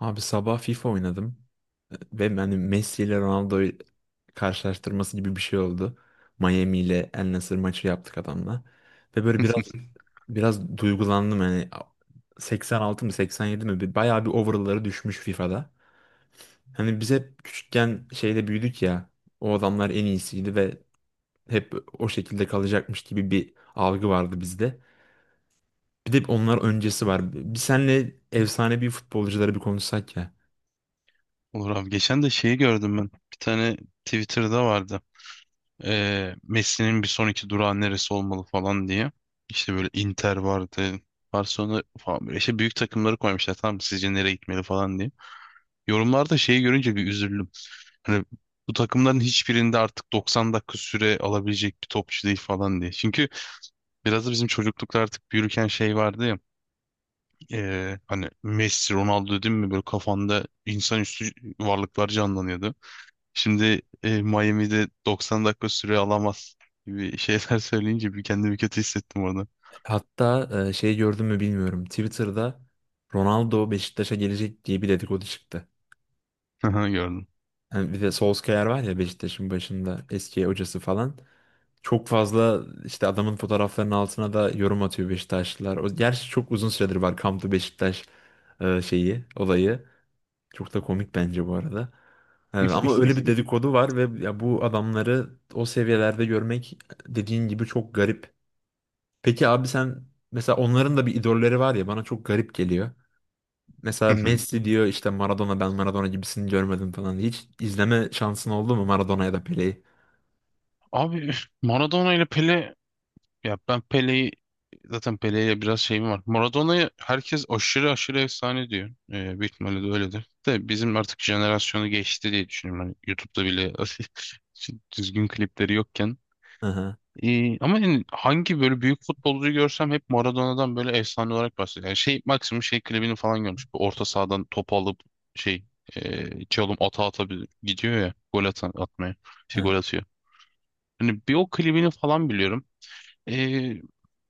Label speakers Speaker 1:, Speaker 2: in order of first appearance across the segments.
Speaker 1: Abi sabah FIFA oynadım ve yani Messi ile Ronaldo karşılaştırması gibi bir şey oldu. Miami ile El Nassr maçı yaptık adamla. Ve böyle biraz biraz duygulandım hani 86 mı 87 mi bayağı bir overall'ları düşmüş FIFA'da. Hani biz hep küçükken şeyde büyüdük ya o adamlar en iyisiydi ve hep o şekilde kalacakmış gibi bir algı vardı bizde. Bir de onlar öncesi var. Bir senle efsanevi futbolcuları bir konuşsak ya.
Speaker 2: Olur abi. Geçen de şeyi gördüm ben. Bir tane Twitter'da vardı. Messi'nin bir sonraki durağı neresi olmalı falan diye. İşte böyle Inter vardı. Barcelona falan böyle işte büyük takımları koymuşlar. Tamam mı? Sizce nereye gitmeli falan diye. Yorumlarda şeyi görünce bir üzüldüm. Hani bu takımların hiçbirinde artık 90 dakika süre alabilecek bir topçu değil falan diye. Çünkü biraz da bizim çocuklukta artık büyürken şey vardı ya. Hani Messi, Ronaldo dedim mi böyle kafanda insanüstü varlıklar canlanıyordu. Şimdi Miami'de 90 dakika süre alamaz gibi şeyler söyleyince bir kendimi kötü hissettim orada.
Speaker 1: Hatta şey gördün mü bilmiyorum. Twitter'da Ronaldo Beşiktaş'a gelecek diye bir dedikodu çıktı.
Speaker 2: Aha, gördüm.
Speaker 1: Yani bir de Solskjaer var ya Beşiktaş'ın başında eski hocası falan. Çok fazla işte adamın fotoğraflarının altına da yorum atıyor Beşiktaşlılar. O, gerçi çok uzun süredir var Come to Beşiktaş şeyi, olayı. Çok da komik bence bu arada. Ama öyle bir dedikodu var ve ya bu adamları o seviyelerde görmek dediğin gibi çok garip. Peki abi sen mesela onların da bir idolleri var ya bana çok garip geliyor. Mesela
Speaker 2: Hı hı.
Speaker 1: Messi diyor işte Maradona ben Maradona gibisini görmedim falan. Hiç izleme şansın oldu mu Maradona ya da Pele'yi?
Speaker 2: Abi Maradona ile Pele, ya ben Pele'yi zaten, Pele'ye biraz şeyim var. Maradona'yı herkes aşırı aşırı efsane diyor. Büyük ihtimalle de öyledir. De bizim artık jenerasyonu geçti diye düşünüyorum. Hani YouTube'da bile düzgün klipleri yokken.
Speaker 1: Hı hı.
Speaker 2: Ama yani hangi böyle büyük futbolcuyu görsem hep Maradona'dan böyle efsane olarak bahsediyor. Yani şey maksimum şey klibini falan görmüş. Bu orta sahadan topu alıp şey, çalım ata ata gidiyor ya gol atan, atmaya. Şey
Speaker 1: Hı.
Speaker 2: gol atıyor. Hani bir o klibini falan biliyorum. Ee,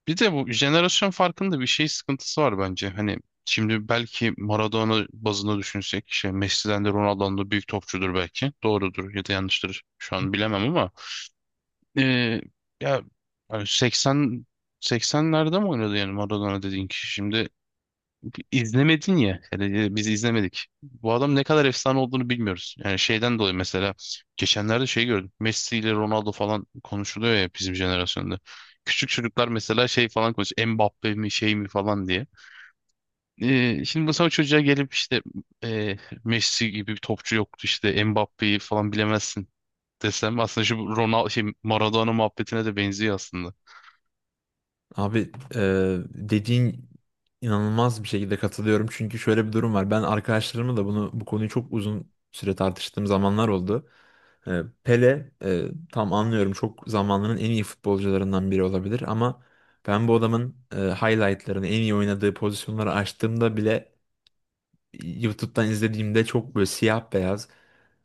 Speaker 2: bir de bu jenerasyon farkında bir şey sıkıntısı var bence. Hani şimdi belki Maradona bazında düşünsek şey Messi'den de Ronaldo'dan da büyük topçudur belki. Doğrudur ya da yanlıştır. Şu an bilemem ama ee, ya yani, 80'lerde mi oynadı yani Maradona dediğin kişi? Şimdi izlemedin ya. Yani biz izlemedik. Bu adam ne kadar efsane olduğunu bilmiyoruz. Yani şeyden dolayı mesela geçenlerde şey gördüm. Messi ile Ronaldo falan konuşuluyor ya bizim jenerasyonda. Küçük çocuklar mesela şey falan konuşuyor. Mbappe mi şey mi falan diye. Şimdi mesela o çocuğa gelip işte, e, Messi gibi bir topçu yoktu işte, Mbappe'yi falan bilemezsin desem aslında şu Ronaldo şey Maradona muhabbetine de benziyor aslında.
Speaker 1: Abi dediğin inanılmaz bir şekilde katılıyorum. Çünkü şöyle bir durum var. Ben arkadaşlarımla da bunu bu konuyu çok uzun süre tartıştığım zamanlar oldu. Pele tam anlıyorum çok zamanının en iyi futbolcularından biri olabilir ama ben bu adamın highlightlarını en iyi oynadığı pozisyonları açtığımda bile YouTube'dan izlediğimde çok böyle siyah beyaz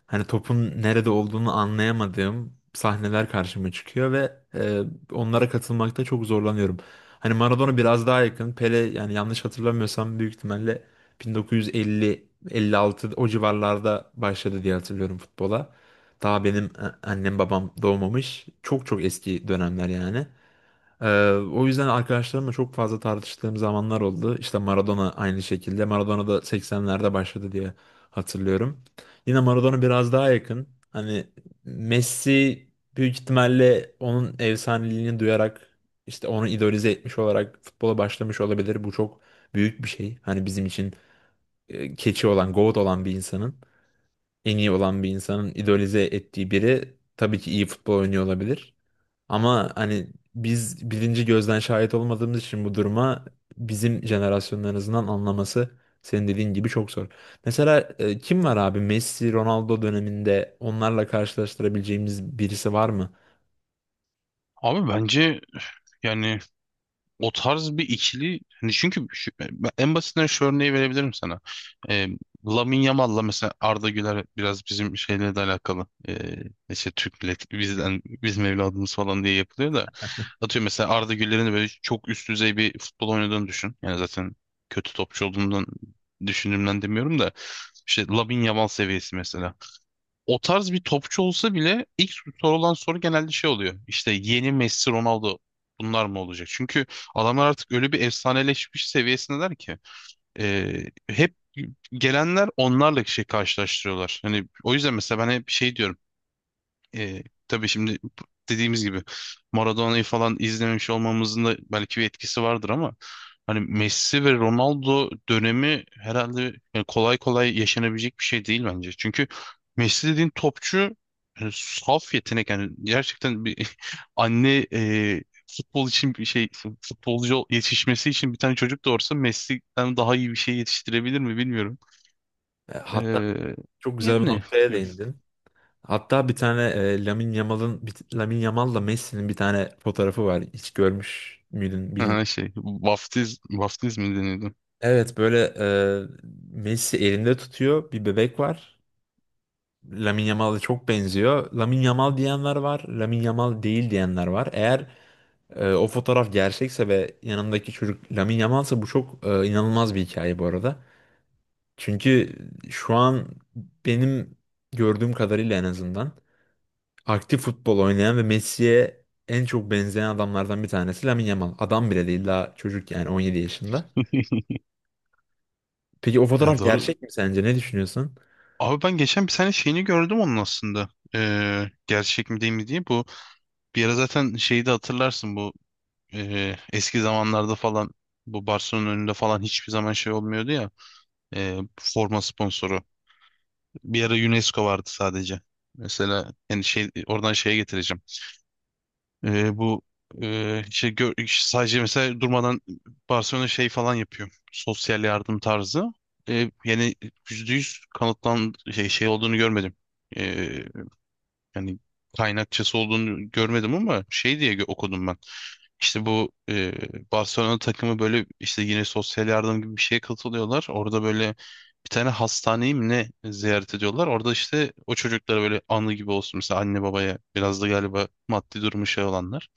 Speaker 1: hani topun nerede olduğunu anlayamadığım sahneler karşıma çıkıyor ve onlara katılmakta çok zorlanıyorum. Hani Maradona biraz daha yakın. Pele yani yanlış hatırlamıyorsam büyük ihtimalle 1950-56 o civarlarda başladı diye hatırlıyorum futbola. Daha benim annem babam doğmamış. Çok çok eski dönemler yani. Ee, o yüzden arkadaşlarımla çok fazla tartıştığım zamanlar oldu. İşte Maradona aynı şekilde. Maradona da 80'lerde başladı diye hatırlıyorum. Yine Maradona biraz daha yakın. Hani Messi büyük ihtimalle onun efsaneliğini duyarak işte onu idolize etmiş olarak futbola başlamış olabilir. Bu çok büyük bir şey. Hani bizim için keçi olan, GOAT olan bir insanın, en iyi olan bir insanın idolize ettiği biri tabii ki iyi futbol oynuyor olabilir. Ama hani biz birinci gözden şahit olmadığımız için bu duruma bizim jenerasyonun anlaması senin dediğin gibi çok zor. Mesela kim var abi Messi, Ronaldo döneminde onlarla karşılaştırabileceğimiz birisi var mı?
Speaker 2: Abi bence yani o tarz bir ikili, hani çünkü yani ben en basitinden şu örneği verebilirim sana. Ee, Lamine Yamal'la mesela Arda Güler biraz bizim şeyle de alakalı. İşte Türk milleti bizden, bizim evladımız falan diye yapılıyor da atıyor mesela Arda Güler'in de böyle çok üst düzey bir futbol oynadığını düşün. Yani zaten kötü topçu olduğundan, düşündüğümden demiyorum da, işte Lamine Yamal seviyesi mesela o tarz bir topçu olsa bile ilk sorulan soru genelde şey oluyor. İşte, yeni Messi, Ronaldo bunlar mı olacak? Çünkü adamlar artık öyle bir efsaneleşmiş seviyesindeler ki e, hep gelenler onlarla şey karşılaştırıyorlar. Hani o yüzden mesela ben hep şey diyorum. E, tabii şimdi dediğimiz gibi, Maradona'yı falan izlememiş olmamızın da belki bir etkisi vardır ama hani Messi ve Ronaldo dönemi herhalde yani kolay kolay yaşanabilecek bir şey değil bence. Çünkü Messi dediğin topçu yani saf yetenek, yani gerçekten bir anne, futbol için bir şey, futbolcu yetişmesi için bir tane çocuk doğursa Messi'den daha iyi bir şey yetiştirebilir mi bilmiyorum.
Speaker 1: Hatta
Speaker 2: E,
Speaker 1: çok güzel bir
Speaker 2: yani
Speaker 1: noktaya değindin. Hatta bir tane Lamine Yamal'ın Lamine Yamal'la Messi'nin bir tane fotoğrafı var. Hiç görmüş müydün bilmiyorum.
Speaker 2: şey, vaftiz mi deniyordu?
Speaker 1: Evet böyle Messi elinde tutuyor bir bebek var. Lamine Yamal'a çok benziyor. Lamine Yamal diyenler var, Lamine Yamal değil diyenler var. Eğer o fotoğraf gerçekse ve yanındaki çocuk Lamine Yamal'sa bu çok inanılmaz bir hikaye bu arada. Çünkü şu an benim gördüğüm kadarıyla en azından aktif futbol oynayan ve Messi'ye en çok benzeyen adamlardan bir tanesi Lamine Yamal. Adam bile değil daha çocuk yani 17 yaşında. Peki o
Speaker 2: Ya
Speaker 1: fotoğraf
Speaker 2: doğru.
Speaker 1: gerçek mi sence? Ne düşünüyorsun?
Speaker 2: Abi ben geçen bir tane şeyini gördüm onun aslında. Gerçek mi değil mi diye. Bu, bir ara zaten şeyi de hatırlarsın bu, eski zamanlarda falan bu Barcelona'nın önünde falan hiçbir zaman şey olmuyordu ya. Forma sponsoru. Bir ara UNESCO vardı sadece. Mesela yani şey, oradan şeye getireceğim. Bu işte, sadece mesela durmadan Barcelona şey falan yapıyor. Sosyal yardım tarzı. Yani yüzde yüz kanıtlan şey, olduğunu görmedim. Ee, yani kaynakçası olduğunu görmedim ama şey diye okudum ben. İşte bu, Barcelona takımı böyle işte yine sosyal yardım gibi bir şeye katılıyorlar. Orada böyle bir tane hastaneyi mi ne ziyaret ediyorlar. Orada işte o çocuklara böyle anı gibi olsun. Mesela anne babaya biraz da galiba maddi durumu şey olanlar.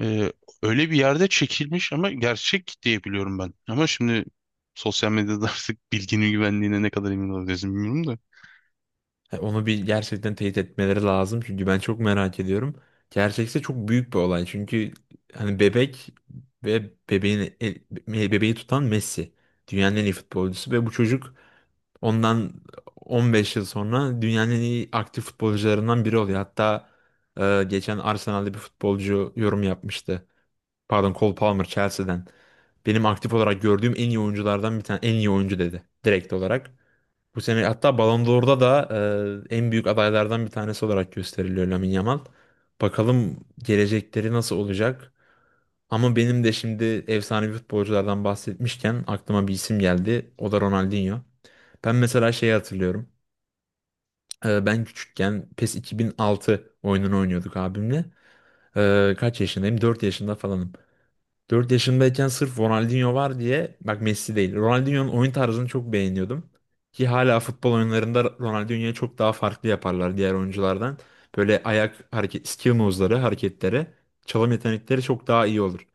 Speaker 2: Ee, öyle bir yerde çekilmiş ama gerçek diye biliyorum ben. Ama şimdi sosyal medyada artık bilginin güvenliğine ne kadar emin olabiliriz bilmiyorum da.
Speaker 1: Ha, onu bir gerçekten teyit etmeleri lazım çünkü ben çok merak ediyorum. Gerçekse çok büyük bir olay çünkü hani bebek ve bebeğin bebeği tutan Messi dünyanın en iyi futbolcusu ve bu çocuk ondan 15 yıl sonra dünyanın en iyi aktif futbolcularından biri oluyor. Hatta geçen Arsenal'de bir futbolcu yorum yapmıştı. Pardon, Cole Palmer Chelsea'den. Benim aktif olarak gördüğüm en iyi oyunculardan bir tane en iyi oyuncu dedi direkt olarak. Bu sene hatta Ballon d'Or'da da en büyük adaylardan bir tanesi olarak gösteriliyor Lamine Yamal. Bakalım gelecekleri nasıl olacak? Ama benim de şimdi efsanevi futbolculardan bahsetmişken aklıma bir isim geldi. O da Ronaldinho. Ben mesela şeyi hatırlıyorum. Ben küçükken PES 2006 oyununu oynuyorduk abimle. Kaç yaşındayım? 4 yaşında falanım. 4 yaşındayken sırf Ronaldinho var diye bak Messi değil. Ronaldinho'nun oyun tarzını çok beğeniyordum. Ki hala futbol oyunlarında Ronaldinho'yu çok daha farklı yaparlar diğer oyunculardan. Böyle ayak hareket, skill moves'ları, hareketleri, çalım yetenekleri çok daha iyi olur.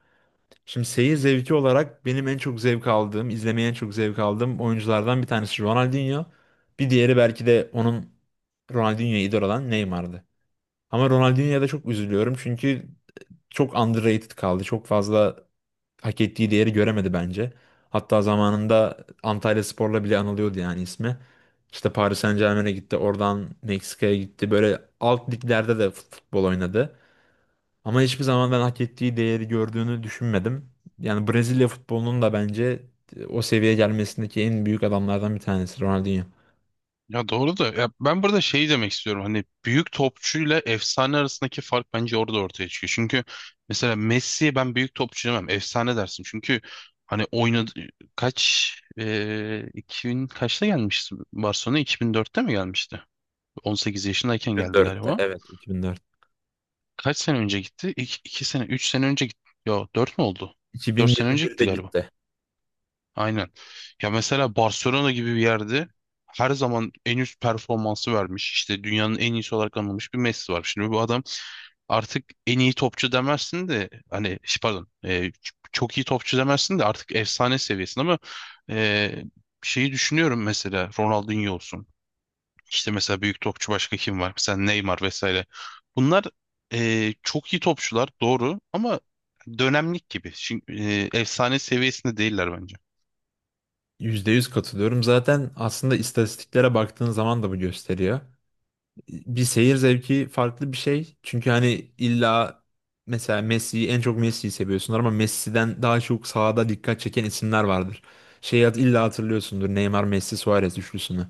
Speaker 1: Şimdi seyir zevki olarak benim en çok zevk aldığım, izlemeye en çok zevk aldığım oyunculardan bir tanesi Ronaldinho. Bir diğeri belki de onun Ronaldinho'ya idol olan Neymar'dı. Ama Ronaldinho'ya da çok üzülüyorum çünkü çok underrated kaldı. Çok fazla hak ettiği değeri göremedi bence. Hatta zamanında Antalyaspor'la bile anılıyordu yani ismi. İşte Paris Saint-Germain'e gitti, oradan Meksika'ya gitti. Böyle alt liglerde de futbol oynadı. Ama hiçbir zaman ben hak ettiği değeri gördüğünü düşünmedim. Yani Brezilya futbolunun da bence o seviyeye gelmesindeki en büyük adamlardan bir tanesi Ronaldinho.
Speaker 2: Ya doğru da, ya ben burada şey demek istiyorum, hani büyük topçuyla efsane arasındaki fark bence orada ortaya çıkıyor. Çünkü mesela Messi'ye ben büyük topçu demem, efsane dersin. Çünkü hani oynadı kaç, 2000 kaçta gelmişti Barcelona, 2004'te mi gelmişti? 18 yaşındayken geldi
Speaker 1: 2004'te
Speaker 2: galiba.
Speaker 1: evet. 2004.
Speaker 2: Kaç sene önce gitti? İki sene, üç sene önce gitti. Yo, dört mü oldu? Dört sene önce
Speaker 1: 2021'de
Speaker 2: gitti galiba.
Speaker 1: gitti.
Speaker 2: Aynen. Ya mesela Barcelona gibi bir yerde her zaman en üst performansı vermiş. İşte dünyanın en iyisi olarak anılmış bir Messi var. Şimdi bu adam artık en iyi topçu demezsin de hani pardon, çok iyi topçu demezsin de artık efsane seviyesinde ama e, şeyi düşünüyorum mesela, Ronaldinho olsun. İşte mesela büyük topçu başka kim var? Mesela Neymar vesaire. Bunlar çok iyi topçular doğru ama dönemlik gibi. Şimdi, efsane seviyesinde değiller bence.
Speaker 1: %100 katılıyorum. Zaten aslında istatistiklere baktığın zaman da bu gösteriyor. Bir seyir zevki farklı bir şey. Çünkü hani illa mesela Messi'yi en çok Messi'yi seviyorsunlar ama Messi'den daha çok sahada dikkat çeken isimler vardır. Şeyi illa hatırlıyorsundur Neymar, Messi, Suarez üçlüsünü.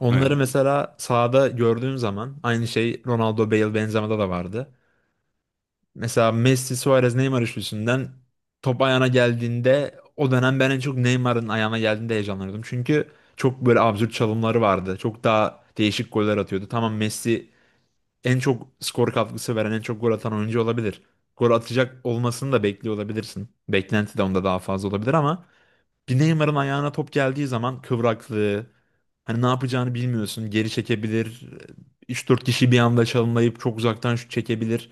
Speaker 1: Onları
Speaker 2: Yani,
Speaker 1: mesela sahada gördüğün zaman aynı şey Ronaldo, Bale, Benzema'da da vardı. Mesela Messi, Suarez, Neymar üçlüsünden top ayağına geldiğinde o dönem ben en çok Neymar'ın ayağına geldiğinde heyecanlanıyordum. Çünkü çok böyle absürt çalımları vardı. Çok daha değişik goller atıyordu. Tamam Messi en çok skor katkısı veren, en çok gol atan oyuncu olabilir. Gol atacak olmasını da bekliyor olabilirsin. Beklenti de onda daha fazla olabilir ama bir Neymar'ın ayağına top geldiği zaman kıvraklığı, hani ne yapacağını bilmiyorsun. Geri çekebilir. 3-4 kişi bir anda çalımlayıp çok uzaktan şut çekebilir.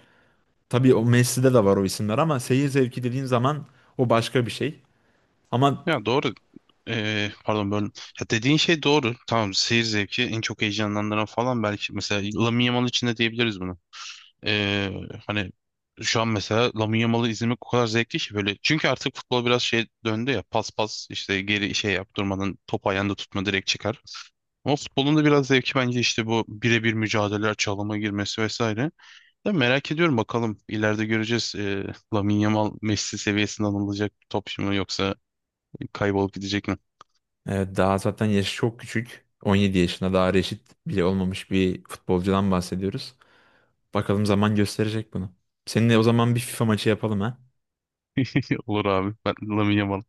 Speaker 1: Tabii o Messi'de de var o isimler ama seyir zevki dediğin zaman o başka bir şey. Ama
Speaker 2: ya doğru. Pardon böyle. Ya dediğin şey doğru. Tamam, seyir zevki en çok heyecanlandıran falan belki mesela Lamine Yamal için de diyebiliriz bunu. E, hani şu an mesela Lamine Yamal'ı izlemek o kadar zevkli ki böyle. Çünkü artık futbol biraz şey döndü ya, pas pas işte geri şey yap, durmadan top ayağında tutma, direkt çıkar. Ama futbolun da biraz zevki bence işte bu birebir mücadeleler, çalıma girmesi vesaire. Ben merak ediyorum, bakalım ileride göreceğiz, Lamine Yamal Messi seviyesinde anılacak bir topçu mu yoksa kaybolup gidecek mi?
Speaker 1: daha zaten yaşı çok küçük. 17 yaşında daha reşit bile olmamış bir futbolcudan bahsediyoruz. Bakalım zaman gösterecek bunu. Seninle o zaman bir FIFA maçı yapalım ha.
Speaker 2: Olur abi, ben Lamine Yamal.